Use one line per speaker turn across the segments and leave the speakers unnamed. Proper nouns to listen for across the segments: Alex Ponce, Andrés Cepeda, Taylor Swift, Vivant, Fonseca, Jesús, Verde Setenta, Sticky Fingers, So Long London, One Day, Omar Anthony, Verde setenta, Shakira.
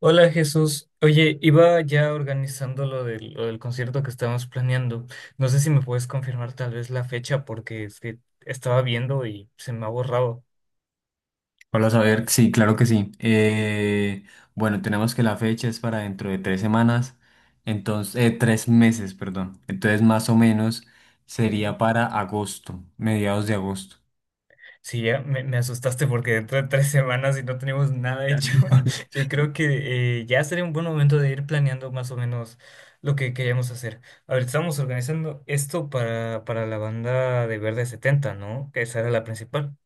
Hola Jesús, oye, iba ya organizando lo del concierto que estábamos planeando. No sé si me puedes confirmar tal vez la fecha porque es que estaba viendo y se me ha borrado.
Hola, saber, sí, claro que sí. Bueno, tenemos que la fecha es para dentro de tres semanas, entonces, tres meses, perdón. Entonces, más o menos
Que-
sería para agosto, mediados de agosto.
Sí, ya me asustaste porque dentro de 3 semanas y no tenemos nada hecho. Yo creo que ya sería un buen momento de ir planeando más o menos lo que queríamos hacer. A ver, estamos organizando esto para la banda de Verde Setenta, ¿no? Que esa era la principal.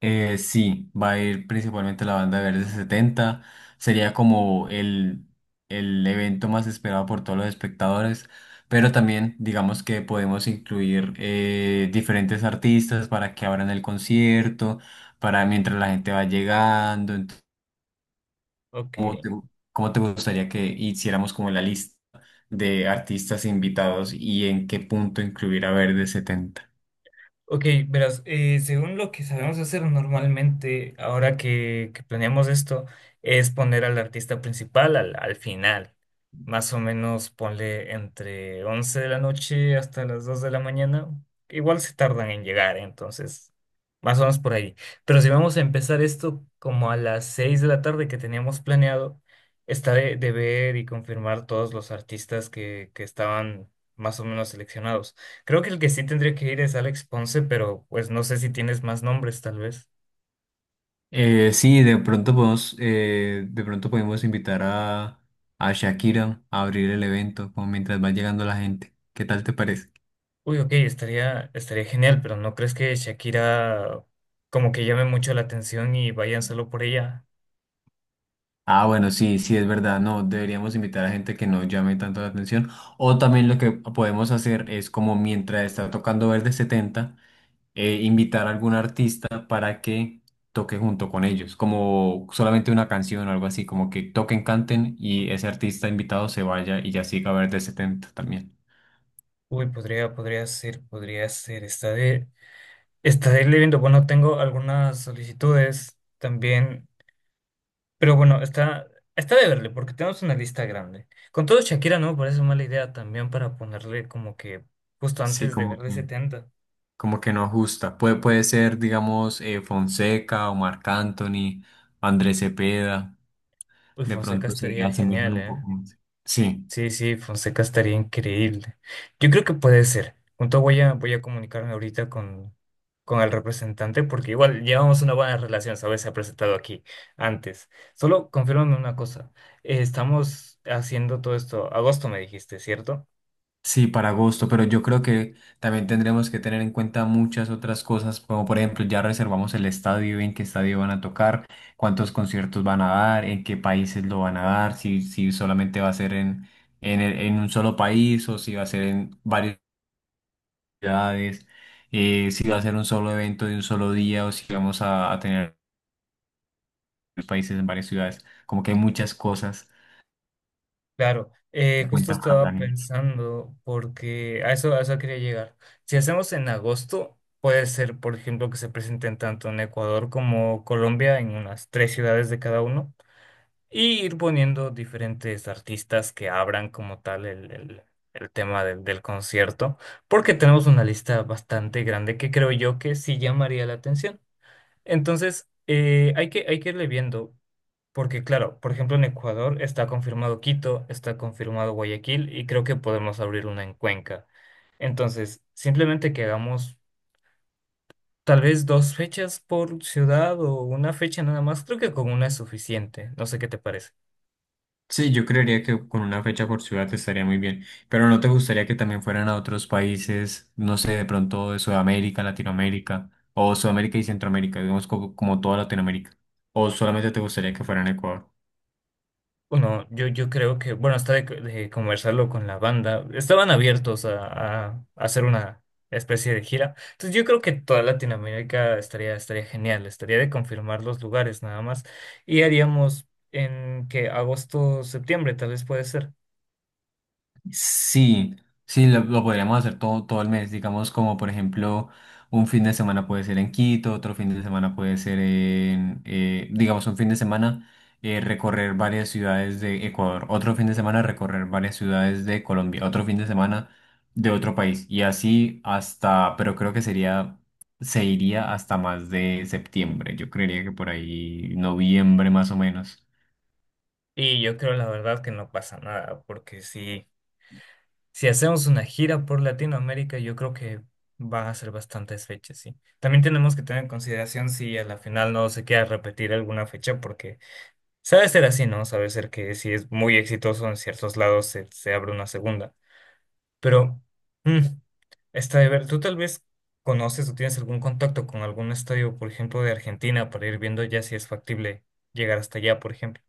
Sí, va a ir principalmente la banda Verde Setenta. Sería como el evento más esperado por todos los espectadores. Pero también, digamos que podemos incluir diferentes artistas para que abran el concierto, para mientras la gente va llegando. Entonces, ¿cómo
Ok.
te, gu- cómo te gustaría que hiciéramos como la lista de artistas invitados y en qué punto incluir a Verde Setenta?
Ok, verás, según lo que sabemos hacer normalmente, ahora que planeamos esto, es poner al artista principal al final. Más o menos ponle entre 11 de la noche hasta las 2 de la mañana. Igual se tardan en llegar, entonces, más o menos por ahí. Pero si vamos a empezar esto como a las 6 de la tarde que teníamos planeado, está de ver y confirmar todos los artistas que estaban más o menos seleccionados. Creo que el que sí tendría que ir es Alex Ponce, pero pues no sé si tienes más nombres, tal vez.
Sí, de pronto podemos invitar a Shakira a abrir el evento, como mientras va llegando la gente. ¿Qué tal te parece?
Uy, ok, estaría genial, pero ¿no crees que Shakira como que llame mucho la atención y vayan solo por ella?
Ah, bueno, sí, sí, es verdad. No, deberíamos invitar a gente que no llame tanto la atención. O también lo que podemos hacer es como mientras está tocando Verde Setenta, invitar a algún artista para que toque junto con ellos, como solamente una canción o algo así, como que toquen, canten y ese artista invitado se vaya y ya siga Verde Setenta también.
Uy, podría ser, podría ser. Estaré leyendo. Bueno, tengo algunas solicitudes también, pero bueno, está de verle, porque tenemos una lista grande. Con todo, Shakira no me parece mala idea también para ponerle como que justo
Sí,
antes de
como
verle
que...
setenta.
Como que no ajusta. Puede ser, digamos, Fonseca, Omar Anthony, Andrés Cepeda.
Uy,
De
Fonseca
pronto se
estaría
asemejan
genial,
un
¿eh?
poco más. Sí,
Sí, sí, Fonseca estaría increíble. Yo creo que puede ser. Junto voy a comunicarme ahorita con el representante porque igual llevamos una buena relación, ¿sabes? Se ha presentado aquí antes. Solo confírmame una cosa. Estamos haciendo todo esto. Agosto me dijiste, ¿cierto?
sí, para agosto, pero yo creo que también tendremos que tener en cuenta muchas otras cosas, como por ejemplo, ya reservamos el estadio, en qué estadio van a tocar, cuántos conciertos van a dar, en qué países lo van a dar, si solamente va a ser en un solo país o si va a ser en varios. Ciudades, si va a ser un solo evento de un solo día o si vamos a tener varios países en varias ciudades. Como que hay muchas cosas
Claro.
en
Justo
cuenta para
estaba
planear.
pensando porque a eso quería llegar. Si hacemos en agosto, puede ser, por ejemplo, que se presenten tanto en Ecuador como Colombia en unas tres ciudades de cada uno. Y ir poniendo diferentes artistas que abran como tal el tema del concierto, porque tenemos una lista bastante grande que creo yo que sí llamaría la atención. Entonces, hay que irle viendo, porque claro, por ejemplo, en Ecuador está confirmado Quito, está confirmado Guayaquil y creo que podemos abrir una en Cuenca. Entonces, simplemente que hagamos tal vez dos fechas por ciudad o una fecha nada más, creo que con una es suficiente. No sé qué te parece.
Sí, yo creería que con una fecha por ciudad estaría muy bien, pero ¿no te gustaría que también fueran a otros países, no sé, de pronto de Sudamérica, Latinoamérica, o Sudamérica y Centroamérica, digamos como, como toda Latinoamérica? ¿O solamente te gustaría que fueran a Ecuador?
Bueno, yo creo que, bueno, hasta de conversarlo con la banda, estaban abiertos a hacer una especie de gira. Entonces yo creo que toda Latinoamérica estaría genial, estaría de confirmar los lugares nada más. Y haríamos en que agosto, septiembre tal vez puede ser.
Sí, sí, lo podríamos hacer todo el mes, digamos como por ejemplo un fin de semana puede ser en Quito, otro fin de semana puede ser en, digamos un fin de semana recorrer varias ciudades de Ecuador, otro fin de semana recorrer varias ciudades de Colombia, otro fin de semana de otro país y así hasta, pero creo que sería, se iría hasta más de septiembre, yo creería que por ahí noviembre más o menos.
Y yo creo la verdad que no pasa nada, porque si hacemos una gira por Latinoamérica, yo creo que van a ser bastantes fechas, sí. También tenemos que tener en consideración si a la final no se queda repetir alguna fecha, porque. Sabe ser así, ¿no? Sabe ser que si es muy exitoso en ciertos lados se abre una segunda. Pero, mm, está de ver, tú tal vez conoces o tienes algún contacto con algún estadio, por ejemplo, de Argentina, para ir viendo ya si es factible llegar hasta allá, por ejemplo.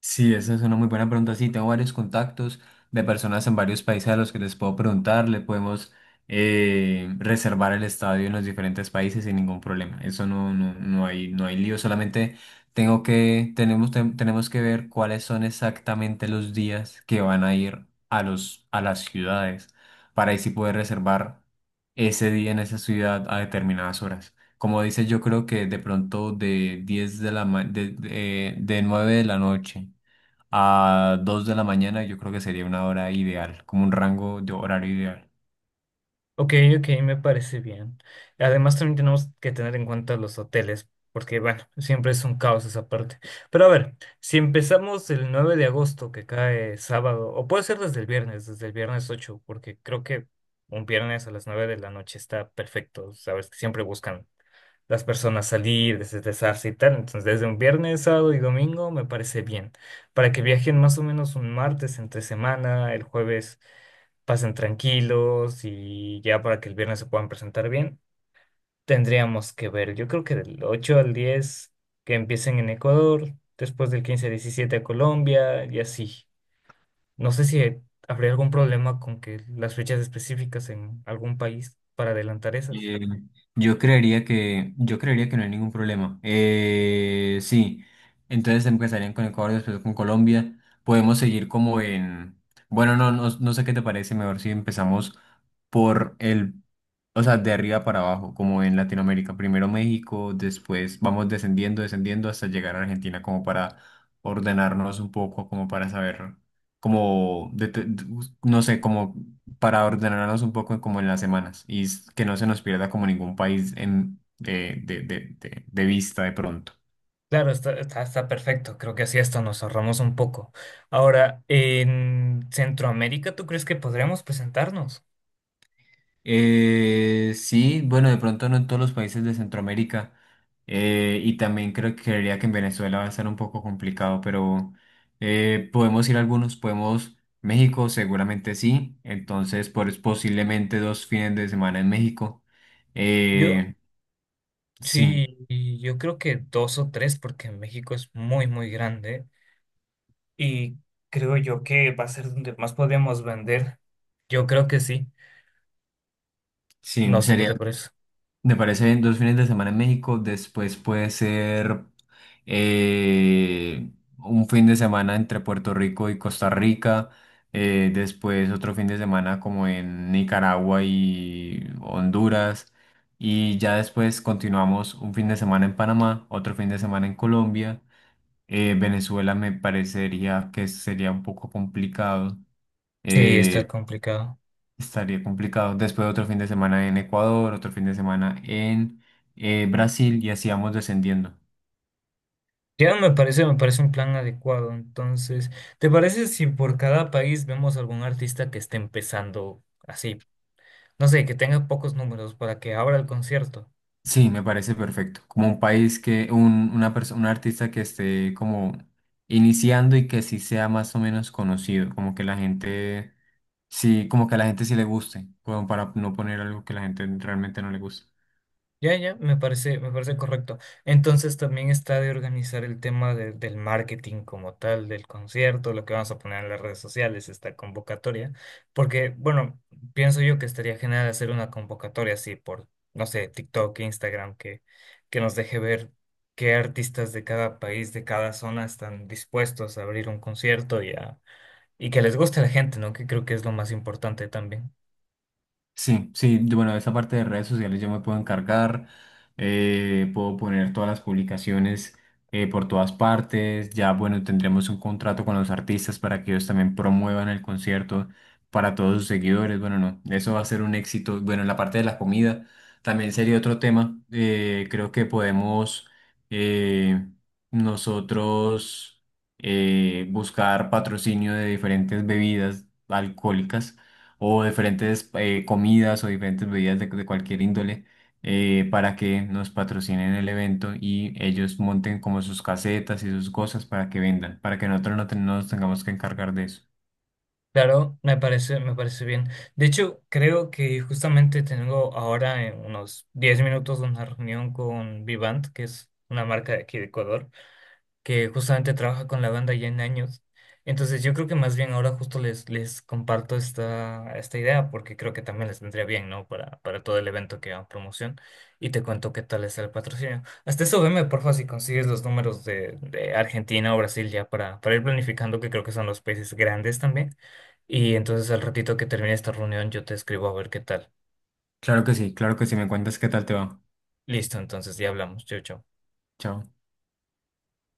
Sí, esa es una muy buena pregunta. Sí, tengo varios contactos de personas en varios países a los que les puedo preguntar. Le podemos reservar el estadio en los diferentes países sin ningún problema. Eso no, no hay, no hay lío. Solamente tengo que tenemos que ver cuáles son exactamente los días que van a ir a a las ciudades para así poder reservar ese día en esa ciudad a determinadas horas. Como dices, yo creo que de pronto de 9 de la noche a 2 de la mañana, yo creo que sería una hora ideal, como un rango de horario ideal.
Ok, ok, me parece bien. Además, también tenemos que tener en cuenta los hoteles, porque bueno, siempre es un caos esa parte. Pero a ver, si empezamos el 9 de agosto, que cae sábado, o puede ser desde el viernes, desde el viernes 8, porque creo que un viernes a las 9 de la noche está perfecto. Sabes que siempre buscan las personas salir, desestresarse y tal. Entonces, desde un viernes, sábado y domingo me parece bien. Para que viajen más o menos un martes entre semana, el jueves pasen tranquilos y ya para que el viernes se puedan presentar bien, tendríamos que ver, yo creo que del 8 al 10 que empiecen en Ecuador, después del 15 al 17 a Colombia y así. No sé si habría algún problema con que las fechas específicas en algún país para adelantar esas.
Eh, yo creería que no hay ningún problema. Sí, entonces empezarían con Ecuador, después con Colombia. Podemos seguir como en... Bueno, no, no sé qué te parece, mejor si empezamos por el... O sea, de arriba para abajo, como en Latinoamérica. Primero México, después vamos descendiendo, descendiendo hasta llegar a Argentina como para ordenarnos un poco, como para saber, como, de- de- no sé, como para ordenarnos un poco como en las semanas y que no se nos pierda como ningún país en, de vista de pronto.
Claro, está perfecto. Creo que así esto nos ahorramos un poco. Ahora, en Centroamérica, ¿tú crees que podríamos presentarnos?
Sí, bueno, de pronto no en todos los países de Centroamérica, y también creo que creería que en Venezuela va a estar un poco complicado, pero podemos ir a algunos, podemos... México seguramente sí, entonces pues, posiblemente dos fines de semana en México.
Yo,
Eh, sí.
sí, y yo creo que dos o tres, porque México es muy, muy grande y creo yo que va a ser donde más podemos vender. Yo creo que sí. No
Sí,
sé qué
sería...
te parece.
Me parece bien dos fines de semana en México, después puede ser eh, un fin de semana entre Puerto Rico y Costa Rica, después otro fin de semana como en Nicaragua y Honduras, y ya después continuamos un fin de semana en Panamá, otro fin de semana en Colombia. Venezuela me parecería que sería un poco complicado.
Sí, está
eh,
complicado.
Estaría complicado. Después otro fin de semana en Ecuador, otro fin de semana en Brasil y así vamos descendiendo.
Ya me parece un plan adecuado. Entonces, ¿te parece si por cada país vemos algún artista que esté empezando así? No sé, que tenga pocos números para que abra el concierto.
Sí, me parece perfecto. Como un país que, una persona, un artista que esté como iniciando y que sí sea más o menos conocido, como que la gente, sí, como que a la gente sí le guste, como para no poner algo que la gente realmente no le gusta.
Ya, ya, me parece correcto. Entonces también está de organizar el tema del marketing como tal, del concierto, lo que vamos a poner en las redes sociales, esta convocatoria. Porque, bueno, pienso yo que estaría genial hacer una convocatoria así por, no sé, TikTok, Instagram, que nos deje ver qué artistas de cada país, de cada zona están dispuestos a abrir un concierto y que les guste a la gente, ¿no? Que creo que es lo más importante también.
Sí, sí, yo... Bueno, esa parte de redes sociales yo me puedo encargar, puedo poner todas las publicaciones por todas partes, ya bueno, tendremos un contrato con los artistas para que ellos también promuevan el concierto para todos sus seguidores. Bueno, no, eso va a ser un éxito. Bueno, en la parte de la comida también sería otro tema. Creo que podemos, eh, nosotros, buscar patrocinio de diferentes bebidas alcohólicas o diferentes comidas o diferentes bebidas de cualquier índole, para que nos patrocinen el evento y ellos monten como sus casetas y sus cosas para que vendan, para que nosotros no nos tengamos que encargar de eso.
Claro, me parece bien. De hecho, creo que justamente tengo ahora en unos 10 minutos una reunión con Vivant, que es una marca de aquí de Ecuador que justamente trabaja con la banda ya en años. Entonces yo creo que más bien ahora justo les comparto esta idea porque creo que también les vendría bien, ¿no? Para todo el evento que va a promoción y te cuento qué tal es el patrocinio. Hasta eso veme, porfa, si consigues los números de Argentina o Brasil ya para ir planificando que creo que son los países grandes también. Y entonces al ratito que termine esta reunión yo te escribo a ver qué tal.
Claro que sí, me cuentas qué tal te va.
Listo, entonces ya hablamos. Chau, chau.
Chao.